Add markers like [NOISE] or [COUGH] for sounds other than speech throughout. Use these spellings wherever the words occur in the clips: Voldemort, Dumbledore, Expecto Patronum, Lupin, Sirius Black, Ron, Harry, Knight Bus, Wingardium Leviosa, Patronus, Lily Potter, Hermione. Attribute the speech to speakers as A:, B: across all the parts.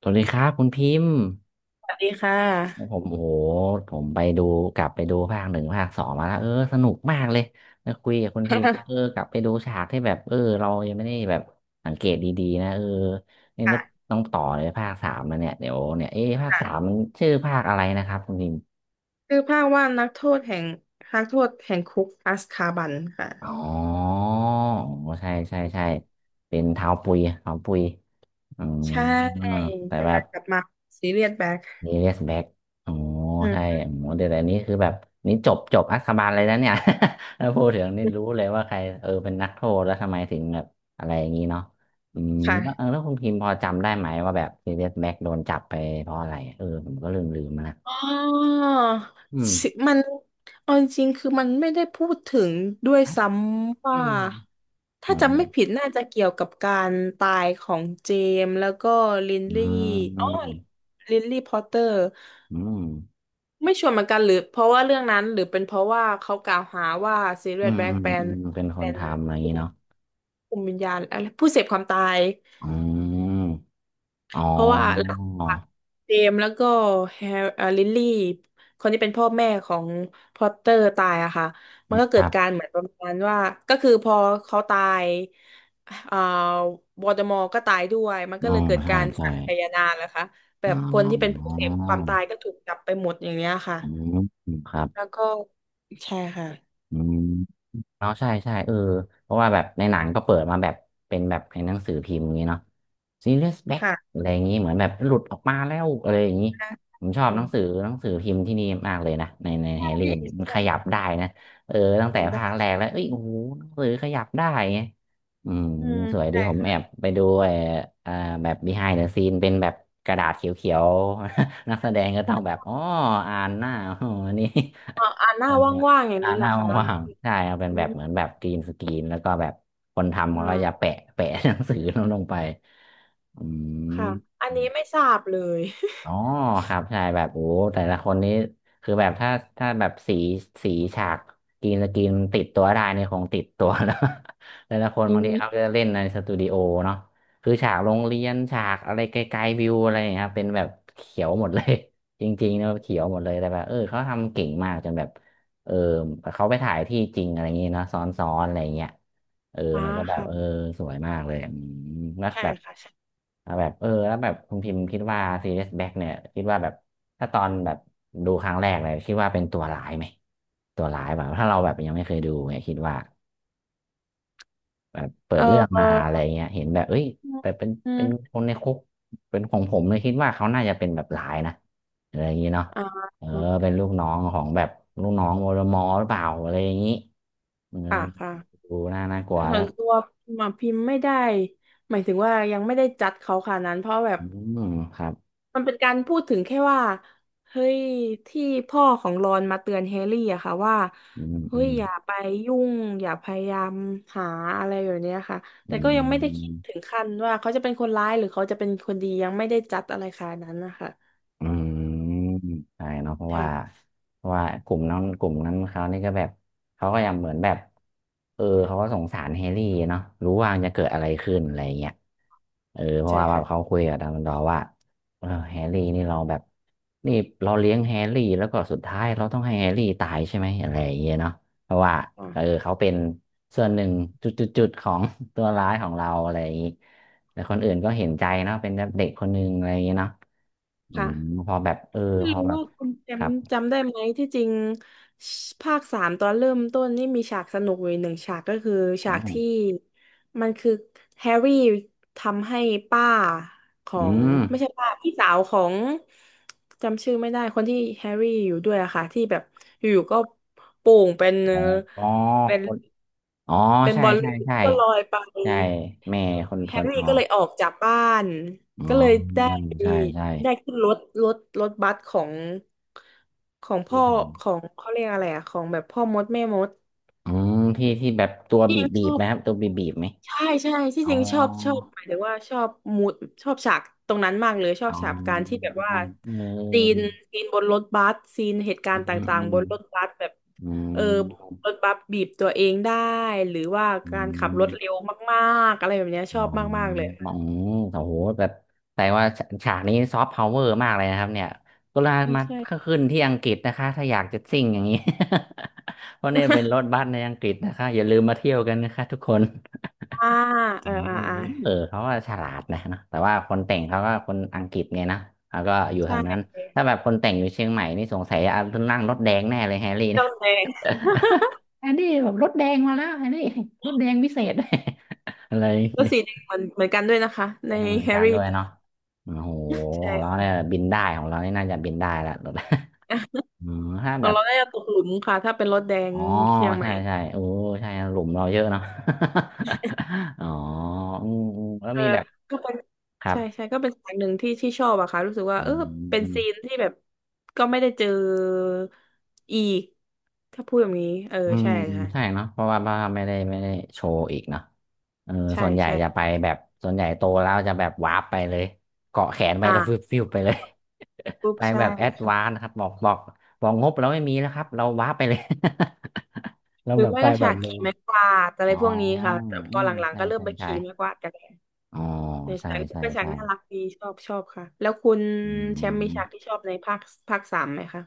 A: สวัสดีครับคุณพิมพ์
B: สวัสดีค่ะ
A: ผมโอ้โหผมไปดูกลับไปดูภาคหนึ่งภาคสองมาแล้วสนุกมากเลยนะคุยกับคุณ
B: [LAUGHS]
A: พิมพ์
B: ค่
A: กลับไปดูฉากที่แบบเรายังไม่ได้แบบสังเกตดีๆนะนี่จะ
B: ะ
A: ต้องต่อเลยภาคสามมาเนี่ยเดี๋ยวเนี่ยเอ๊ะภาคสา
B: ค่ะ
A: มมันชื่อภาคอะไรนะครับคุณพิมพ์
B: ชื่อภาคว่านักโทษแห่งคุกอัสคาบันค่ะ
A: อ๋อใช่ใช่ใช่เป็นเท้าปุยเท้าปุยอื
B: ใช่
A: มแต่
B: เป็น
A: แบ
B: กา
A: บ
B: รกลับมาซีเรียสแบ็ค
A: มีเรียสแบ็กอ๋อ
B: อื
A: ใช่
B: ม
A: อ๋อเดี๋ยวแต่นี้คือแบบนี่จบจบอักคาบาลเลยนะเนี่ย [LAUGHS] ถ้าพูดถึงนี่รู้เลยว่าใครเป็นนักโทษแล้วทำไมถึงแบบอะไรอย่างนี้เนาะอืมแล้ว
B: ค่ะ
A: แล้วคุณพิมพ์พอจำได้ไหมว่าแบบเรียสแบ็กโดนจับไปเพราะอะไรผมก็ลืมมานะ
B: อ๋อ
A: อืม
B: สิมันเอาจริงๆคือมันไม่ได้พูดถึงด้วยซ้ำ
A: อื
B: ว่า
A: มเห
B: ถ้า
A: มือน
B: จำ
A: แบ
B: ไม่
A: บ
B: ผิดน่าจะเกี่ยวกับการตายของเจมส์แล้วก็ลิน
A: อื
B: ลี่
A: มอื
B: อ๋อ
A: ม
B: ลินลี่พอตเตอร์
A: อื
B: ไม่ชวนเหมือนกันหรือเพราะว่าเรื่องนั้นหรือเป็นเพราะว่าเขากล่าวหาว่าซีเรียสแบล็กเป็น
A: เป็นค
B: เป็
A: น
B: น
A: ทำอะไรอย่าง
B: ผู้
A: นี้เนาะ
B: คุมวิญญาณอะไรผู้เสพความตาย
A: อืมอ๋อ
B: เพราะว่าหลังจากเจมส์แล้วก็แฮร์ลิลลี่คนที่เป็นพ่อแม่ของพอตเตอร์ตายอะค่ะมันก็
A: ค
B: เกิ
A: รั
B: ดกา
A: บ
B: รเหมือนประมาณว่าก็คือพอเขาตายเอ่อวอลเดอมอร์ก็ตายด้วยมัน
A: อ๋
B: ก็
A: อ
B: เลยเกิด
A: ใช่
B: การ
A: ใช่
B: สังคายนานะคะแบ
A: อ๋อ
B: บคนที่เป็นผู้เสพความตายก็ถูกจับไปหมดอย่างเนี้ยค่ะ
A: อืมครับ
B: แล้วก็ใช่ค่ะ
A: อืมเนาะใช่ใช่เพราะว่าแบบในหนังก็เปิดมาแบบเป็นแบบในหนังสือพิมพ์อย่างนี้เนาะ Serious BACK
B: ค่ะ
A: อะไรอย่างนี้เหมือนแบบหลุดออกมาแล้วอะไรอย่างนี้
B: ได้
A: ผมชอบ
B: อื
A: หนั
B: ม
A: งสือหนังสือพิมพ์ที่นี่มากเลยนะในในแฮร์
B: ไ
A: รี่เนี่ยมันขยับ
B: ด้
A: ได้นะตั้ง
B: แถ
A: แต่
B: มได้
A: ภาคแรกแล้วเอ้ยโอ้โหหนังสือขยับได้ไงอืม
B: อืม
A: สวยดี
B: ใช่
A: ผมแอ
B: ค่ะ
A: บไปดูไอ้เอ่อแบบ behind the scene เป็นแบบกระดาษเขียวๆ [LAUGHS] นักแสดงก็ต้องแบบอ๋ออ่านหน้า [LAUGHS] อ๋อนี่
B: อ่าอ่าห
A: เอ
B: น้า
A: อ
B: ว่างๆอย่าง
A: อ่า
B: นี้
A: ห
B: เหร
A: น้า
B: อคะ
A: ว่างๆใช่เอาเป็น
B: อื
A: แบบเหมือนแบ
B: ม
A: บกรีนสกรีนแล้วก็แบบคนทำเขาก็
B: อ่า
A: จะแปะ [LAUGHS] แปะหนังสือลงไปอืม
B: ค่ะอันนี้ไม่ทราบเลย
A: อ๋อครับใช่แบบโอ้แต่ละคนนี้คือแบบถ้าแบบสีฉากกรีนสกรีนติดตัวได้นี่คงติดตัวแล้ว [LAUGHS] แต่ละคน
B: [LAUGHS] อื
A: บางทีเขาก็
B: ม
A: จะเล่นในสตูดิโอเนาะคือฉากโรงเรียนฉากอะไรไกลๆวิวอะไรอย่างเงี้ยครับเป็นแบบเขียวหมดเลย [LAUGHS] จริงๆนะเขียวหมดเลยแต่แบบเขาทำเก่งมากจนแบบ เออเขาไปถ่ายที่จริงอะไรอย่างงี้เนอะซ้อนๆอะไรอย่างเงี้ย
B: อ่า
A: มันก็แบบ
B: ค่ะ
A: สวยมากเลยแล้ว
B: ใช่
A: แบบ
B: ค่ะใช่
A: แล้วแบบแล้วแบบคุณพิมพ์คิดว่าซีรีสแบ็กเนี่ยคิดว่าแบบถ้าตอนแบบดูครั้งแรกเลยคิดว่าเป็นตัวร้ายไหมตัวร้ายแบบถ้าเราแบบยังไม่เคยดูเนี่ยคิดว่า แบบเปิด
B: เอ
A: เรื่องมา
B: อ
A: อะไรเงี้ยเห็นแบบเอ้ย
B: อืม
A: แบบเป็น
B: อื
A: เป็
B: ม
A: นคนในคุก เป็นของผมเลยคิดว่าเขาน่าจะเป็นแบบหลายนะอะไรอย่างงี้เนาะ
B: อ่า
A: เออเป็นลูกน้องของแบบลูกน้องวรมอหรือเปล่าอะไรอย่างงี้เออ
B: ค่ะค่ะ
A: ดูน่าน่ากลั
B: แต่
A: ว
B: ส่
A: แล้
B: ว
A: ว
B: นตัวพิมพ์อะพิมพ์ไม่ได้หมายถึงว่ายังไม่ได้จัดเขาขนาดนั้นเพราะแบบ
A: อืมครับ
B: มันเป็นการพูดถึงแค่ว่าเฮ้ยที่พ่อของรอนมาเตือนแฮร์รี่อะค่ะว่า
A: อืม
B: เฮ้
A: อื
B: ย
A: ม
B: อย่าไปยุ่งอย่าพยายามหาอะไรแบบเนี้ยค่ะ
A: อื
B: แต่ก็ยังไม่ได้คิดถึ
A: ม
B: งขั้นว่าเขาจะเป็นคนร้ายหรือเขาจะเป็นคนดียังไม่ได้จัดอะไรขนาดนั้นนะคะ
A: อืมใช่เนาะเพราะว่า
B: ใช่
A: กลุ่มนั้นเขานี่ก็แบบเขาก็ยังเหมือนแบบเขาก็สงสารแฮร์รี่เนาะรู้ว่าจะเกิดอะไรขึ้นอะไรเงี้ยเพราะ
B: ใช่
A: ว่าแบบ
B: ค่ะ
A: เขาคุยกับดัมเบิลดอร์ว่าแฮร์รี่นี่เราแบบนี่เราเลี้ยงแฮร์รี่แล้วก็สุดท้ายเราต้องให้แฮร์รี่ตายใช่ไหมอะไรอย่างเงี้ยเนาะเพราะว่า
B: อ๋อ
A: เขาเป็นส่วนหนึ่งจุดๆๆของ [LAUGHS] ตัวร้ายของเราอะไรอย่างงี้แต่คนอื่นก็เห็นใจเนาะเป็นเด็กคนหนึ่งอะไรอย่างงี้เนาะ อื
B: ค่ะ
A: มพอแบบ
B: ไม่
A: พอ
B: รู้
A: แบบ
B: ว่าคุณแช
A: ค
B: ม
A: รับ
B: ป์จำได้ไหมที่จริงภาคสามตอนเริ่มต้นนี่มีฉากสนุกอยู่หนึ่งฉากก็คือ
A: อ๋
B: ฉา
A: อ
B: กที่มันคือแฮร์รี่ทำให้ป้าขอ
A: อื
B: ง
A: ม
B: ไม่ใช่ป้าพี่สาวของจำชื่อไม่ได้คนที่แฮร์รี่อยู่ด้วยอะค่ะที่แบบอยู่ๆก็โป่ง
A: อ๋ออ๋อ
B: เป็น
A: คนอ๋อ
B: เป็น
A: ใช่
B: บอลลู
A: ใช่
B: น
A: ใช่
B: ก็ลอยไป
A: ใช่แม่คนท
B: แฮ
A: น
B: ร์รี่
A: อ๋อ
B: ก็เลยออกจากบ้าน
A: อ๋อ
B: ก็เลยได้
A: ใช่ใช่
B: ได้ขึ้นรถรถบัสของ
A: ที่
B: พ่อ
A: ถึง
B: ของเขาเรียกอะไรอะของแบบพ่อมดแม่มด
A: อืมที่ที่แบบตัว
B: ที่
A: บี
B: จ
A: บ
B: ริงช
A: บีบ
B: อ
A: ไห
B: บ
A: มครับตัวบีบบีบไหม
B: ใช่ใช่ที่
A: อ๋อ
B: จริงชอบชอบหมายถึงว่าชอบมูดชอบฉากตรงนั้นมากเลยชอ
A: อ๋
B: บ
A: อ
B: ฉากการที่แบบว่า
A: เ
B: ซี
A: ออ
B: นซีนบนรถบัสซีนเหตุกา
A: อื
B: รณ์ต
A: ม
B: ่าง
A: อื
B: ๆบ
A: ม
B: นรถบัสแบบ
A: อื
B: เออ
A: ม
B: รถบัสบีบตัวเองได้หรือว่า
A: อื
B: การขับ
A: ม
B: รถเร็วมากๆอะไรแบบเนี้ยช
A: อ๋
B: อ
A: อ
B: บ
A: อื
B: มาก
A: ม
B: ๆเลย
A: โอ้โหแบบแต่ว่าฉากนี้ซอฟต์พาวเวอร์มากเลยนะครับเนี่ยก็ลา
B: ไม่
A: มา
B: ใช่
A: ขึ้นที่อังกฤษนะคะถ้าอยากจะซิ่งอย่างนี้ [LAUGHS] เพราะเนี่ยเป็นร
B: [LAUGHS]
A: ถบัสในอังกฤษนะคะอย่าลืมมาเที่ยวกันนะคะทุกคน
B: อ่า
A: อื
B: เออ
A: ม
B: อ่าอ่า
A: เขาว่าฉลาดนะเนอะแต่ว่าคนแต่งเขาก็คนอังกฤษไงนะแล้วก็อยู่ทา
B: ใช่
A: งนั้นถ้าแบบคนแต่งอยู่เชียงใหม่นี่สงสัยอ่ะนั่งรถแดงแน่เลยแฮร์รี่เนี่ย
B: เจ้าแดง
A: อันนี้แบบรถแดงมาแล้วอันนี้ [LAUGHS] รถแดงวิเศษ [LAUGHS] อะไร
B: ก็สีแดงเหมือนเหมือนกันด้วยนะคะใน
A: แจ้งเหมือน
B: แฮ
A: กั
B: ร์
A: น
B: รี่
A: ด้วยเนาะโอ้โห
B: ใช่
A: ของเรา
B: ค่ะ
A: เนี่ยบินได้ของเรานี่น่าจะบินได้ละรถ [LAUGHS] อ๋อถ้า
B: ขอ
A: แบ
B: ง
A: บ
B: เราได้ตกหลุมค่ะถ้าเป็นรถแดง
A: อ๋อ
B: เชียงให
A: ใช่
B: ม่
A: ใช่โอ้ใช่หลุมเราเยอะเนาะ [LAUGHS] อ๋ออืมอืมแล้ว
B: เออ
A: มีแบบ
B: ก็เป็น
A: ครับ
B: ใช่ใช่ก็เป็นสายหนึ่งที่ที่ชอบอะค่ะรู้สึกว่า
A: อื
B: เออเป็นซีน
A: ม
B: ที่แบบก็ไม่ได้เจออีกถ้าพูดแบบนี้เออ
A: อืม
B: ใช่ค่ะ
A: ใช่เนาะเพราะว่าบ้าไม่ได้โชว์อีกเนาะเออ
B: ใช่
A: ส่วนใหญ่
B: ใช่
A: จะไปแบบส่วนใหญ่โตแล้วจะแบบวาร์ปไปเลยเกาะแขนไปแล้วฟิว
B: อ่า
A: ฟิวไปเลย
B: ปุ๊
A: [LAUGHS]
B: บ
A: ไป
B: ใช่
A: แบบแอด
B: ค่
A: วาน
B: ะ
A: ซ์ครับบอกบอกงบเราไม่มีแล้วครับเราวาร์ปไปเลย [LAUGHS] แล้ว
B: หรือ
A: แบบ
B: ไม่
A: ไป
B: ก็
A: แบ
B: ฉา
A: บ
B: ก
A: เร็ว
B: ขี่ไม้กวาดอะไร
A: อ๋อ
B: พวกนี้ค่ะแต่พ
A: อื
B: อ
A: ม
B: หลัง
A: ใช่
B: ๆก็เริ่ม
A: ใช่
B: ไป
A: ใช่
B: ขี่ไม้กวาดกัน
A: อ๋อ
B: ใน
A: ใช่
B: ฉากนี้ก็
A: ใช่
B: เป็นฉาก
A: ใช่
B: น่ารักดีชอบชอบค่ะ แล้วคุณ
A: อื
B: แชมป์มีฉาก
A: ม
B: ที่ชอบในภาคสามไหมคะ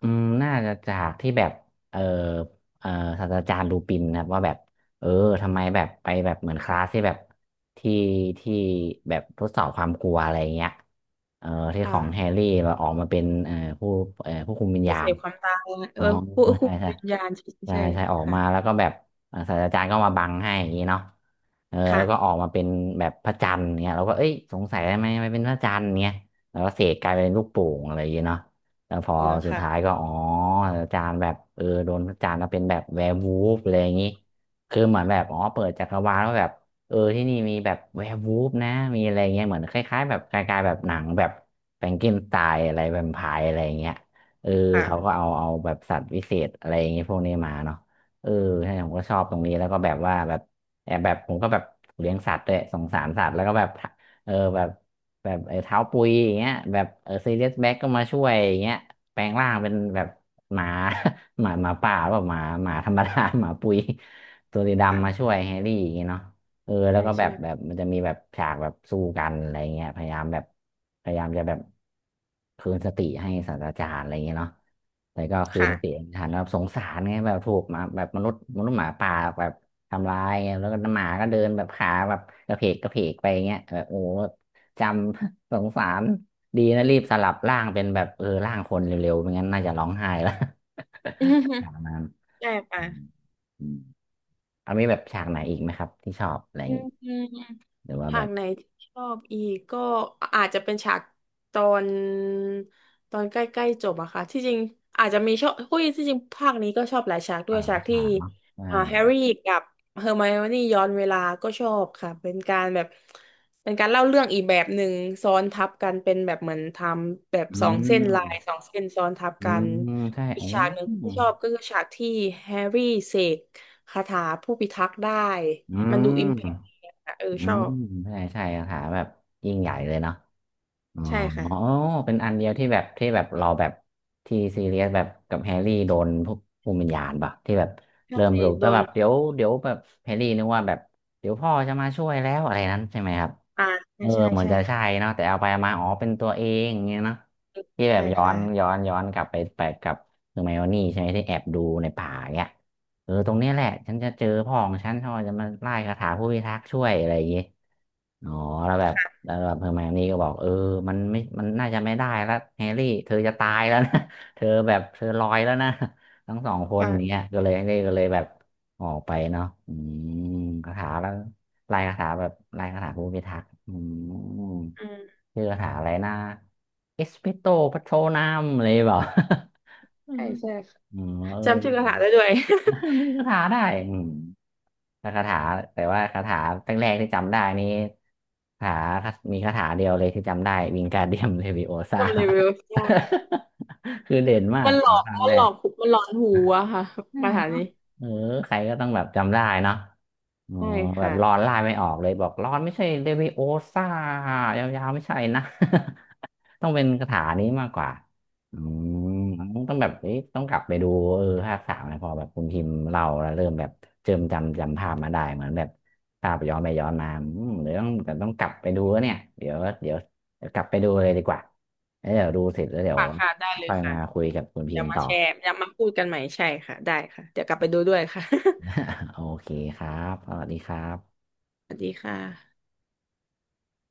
A: อืมน่าจะจากที่แบบเออเออศาสตราจารย์ลูปินนะครับว่าแบบ เออ ทำไมแบบไปแบบเหมือนคลาสที่แบบที่ที่แบบทดสอบความกลัวอะไรเงี้ยเออที่ข
B: ค่ะ
A: องแฮร์รี่แบบออกมาเป็นเออผู้เออผู้คุมวิญ
B: ผู้
A: ญา
B: เส
A: ณ
B: พความตายเอ
A: อ๋อ
B: อผู้
A: ใช่ใช่
B: วิญญาณใช่
A: ใช่
B: ใช่
A: ใช่ออกมา
B: ค่ะ
A: แล้วก็แบบอ่าศาสตราจารย์ก็มาบังให้อย่างนี้เนาะเออแล้
B: ค่ะ
A: วก็ออกมาเป็นแบบพระจันทร์เนี่ยเราก็เอ้ยสงสัยทำไมไม่เป็นพระจันทร์เนี่ยแล้วก็เสกกลายเป็นลูกโป่งอะไรอย่างเงี้ยเนาะแล้วพอ
B: เออ
A: สุดท้าย
B: ค่ะ
A: ก็อ๋อศาสตราจารย์แบบเออโดนพระจันทร์แล้วเป็นแบบแวร์วูฟอะไรอย่างนี้คือเหมือนแบบอ๋อเปิดจักรวาลว่าแบบเออที่นี่มีแบบแวร์วูฟนะมีอะไรเงี้ยเหมือนคล้ายๆแบบคล้ายๆแบบหนังแบบแฟรงเกนสไตน์อะไรแวมไพร์อะไรอย่างเงี้ย เออเขาก็
B: ค่ะ
A: เอาแบบสัตว์วิเศษอะไรอย่างเงี้ยพวกนี้มาเนาะเออใช่ผมก็ชอบตรงนี้แล้วก็แบบว่าแบบแอบแบบผมก็แบบเลี้ยงสัตว์ด้วยสงสารสัตว์แล้วก็แบบเออแบบแบบไอ้เท้าปุยอย่างเงี้ยแบบเออซีเรียสแบ็กก็มาช่วยอย่างเงี้ยแปลงร่างเป็นแบบหมา [LAUGHS] หมาหมาป่าหรือเปล่าหมาหมาธรรมดา [LAUGHS] หมาปุยตัวสีดำมาช่ว
B: ค่ะ
A: ยแฮร์รี่อย่างเงี้ยเนาะ เออแล้ว
B: ใช่
A: ก็แบ
B: ใช่
A: บแบบมันจะมีแบบฉากแบบสู้กันอะไรเงี้ยพยายามแบบพยายามจะแบบคืนสติให้ศาสตราจารย์อะไรเงี้ยเนาะแต่ก็คืน
B: ค่ะ
A: สติไม่ทันแบบสงสารไงแบบถูกหมาแบบมนุษย์หมาป่าแบบทำร้ายไงแล้วก็หมาก็เดินแบบขาแบบกระเพกกระเพกไปเงี้ยแบบโอ้โหจำ [LAUGHS] สงสารดีนะรีบสลับร่างเป็นแบบเออร่างคนเร็วๆไม่งั้นน่าจะร้องไห้แล้ว [LAUGHS] อย่า
B: [LAUGHS]
A: งนั้น
B: ใช่ค่ะ
A: อืม เอามีแบบฉากไหนอีกไหมครับที่ชอบอะไรอ
B: อื
A: ย่าง
B: ม
A: งี้
B: อืม
A: หรือว่า
B: ฉา
A: แบ
B: ก
A: บ
B: ไหนที่ชอบอีกก็อาจจะเป็นฉากตอนตอนใกล้ๆจบอะค่ะที่จริงอาจจะมีชอบคุยที่จริงภาคนี้ก็ชอบหลายฉากด้
A: อ่า
B: วยฉากที่
A: ฉากเนาะอ่า
B: อ่าแฮร์รี่กับเฮอร์ไมโอนี่ย้อนเวลาก็ชอบค่ะเป็นการแบบเป็นการเล่าเรื่องอีกแบบหนึ่งซ้อนทับกันเป็นแบบเหมือนทำแบบ
A: อื
B: สองเส้นลายส
A: ม
B: องเส้นซ้อนทับ
A: อื
B: กัน
A: มใช่
B: อีก
A: โอ้
B: ฉากหนึ่ง
A: อื
B: ที่
A: ม
B: ชอบก็คือฉากที่แฮร์รี่เสกคาถาผู้พิทักษ์ได้มันดูอิมแพคดีอะค่ะเออ
A: อื
B: ชอ
A: ม
B: บ
A: ใช่ใช่คาถาแบบยิ่งใหญ่เลยเนาะอ๋อ
B: ใช่ค่ะ
A: อ๋อเป็นอันเดียวที่แบบที่แบบเราแบบที่ซีเรียสแบบกับแฮร์รี่โดนพวกภูมิวิญญาณปะที่แบบ
B: ใช
A: เริ่ม
B: ่
A: รู้
B: โด
A: ก็แบ
B: น
A: บเดี๋ยวแบบแฮร์รี่นึกว่าแบบเดี๋ยวพ่อจะมาช่วยแล้วอะไรนั้นใช่ไหมครับ
B: อ่า
A: เอ
B: ใช่
A: อ
B: ใช่
A: เหมือน
B: ใช่
A: จะใช่
B: ค่ะ
A: เนาะแต่เอาไปเอามาอ๋อเป็นตัวเองอย่างเงี้ยเนาะที่แบบ
B: ใช่
A: ย้อ
B: ค่ะ
A: นย้อนย้อนกลับไปไปกับเฮอร์ไมโอนี่ใช่ไหมที่แอบดูในป่าเนี่ยเออตรงเนี้ยแหละฉันจะเจอพ่อของฉันเขาจะมาไล่คาถาผู้พิทักษ์ช่วยอะไรอย่างเงี้ยอ๋อแล้วแบบแล้วแบบเฮอร์ไมโอนี่ก็บอกเออมันไม่มันน่าจะไม่ได้แล้วแฮร์รี่เธอจะตายแล้วนะ [LAUGHS] เธอแบบเธอลอยแล้วนะทั้งสองคน
B: ค่ะ
A: เนี้ยก็เลยแบบออกไปเนาะอืมคาถาแล้ว ลายคาถาแบบลายคาถาภูมิทักษ์อืม
B: อืม
A: ชื่อคาถาอะไรนะเอสเปโตปัโชนามอะไรเปล่าอื
B: ใช่
A: ม
B: ใช่ค่ะ
A: อืมเอ
B: จำชื่อกระถา
A: อ
B: ได้ด้วย
A: [LAUGHS] มี
B: [LAUGHS]
A: คาถาได้อืมแต่คาถาแต่ว่าคาถาตั้งแรกๆที่จำได้นี่คาถามีคาถาเดียวเลยที่จำได้ วิงการเดียมเลวิโอซา
B: ทำเลเวลใช่
A: [LAUGHS] คือเด่นมา
B: มั
A: ก
B: นหล
A: ข
B: อ
A: อง
B: ก
A: ภาค
B: มัน
A: แร
B: หลอ
A: ก
B: กหมันหลอนหูอะค่ะ
A: ใช่
B: คาถานี้
A: เออใครก็ต้องแบบจำได้เนาะ อ๋อ
B: ใช่
A: แบบ
B: ค่ะ
A: ร้อนไล่ไม่ออกเลยบอกร้อนไม่ใช่เลวิโอซ่ายาวๆไม่ใช่นะ [LAUGHS] ต้องเป็นคาถานี้มากกว่าอืมต้องแบบเอ๊ะต้องกลับไปดูเออภาคสามนะพอแบบคุณพิมพ์เราแล้วเริ่มแบบเจิมจำจำภาพมาได้เหมือนแบบภาพย้อนไปย้อนมาอืมเดี๋ยวต้องแต่ต้องกลับไปดูแล้วเนี่ยเดี๋ยวเดี๋ยวกลับไปดูเลยดีกว่าแล้วเดี๋ยวดูเสร็จแล้วเดี๋ยว
B: ค่ะค่ะได้เลย
A: ค่อย
B: ค่ะ
A: มาคุยกับคุณพิ
B: เดี๋ย
A: ม
B: ว
A: พ์
B: มา
A: ต่อ
B: แชร์เดี๋ยวมาพูดกันใหม่ใช่ค่ะได้ค่ะเดี๋ยวกลับไปดูด้วยค่ะ
A: [LAUGHS] โอเคครับสวัสดีครับ
B: [LAUGHS] สวัสดีค่ะ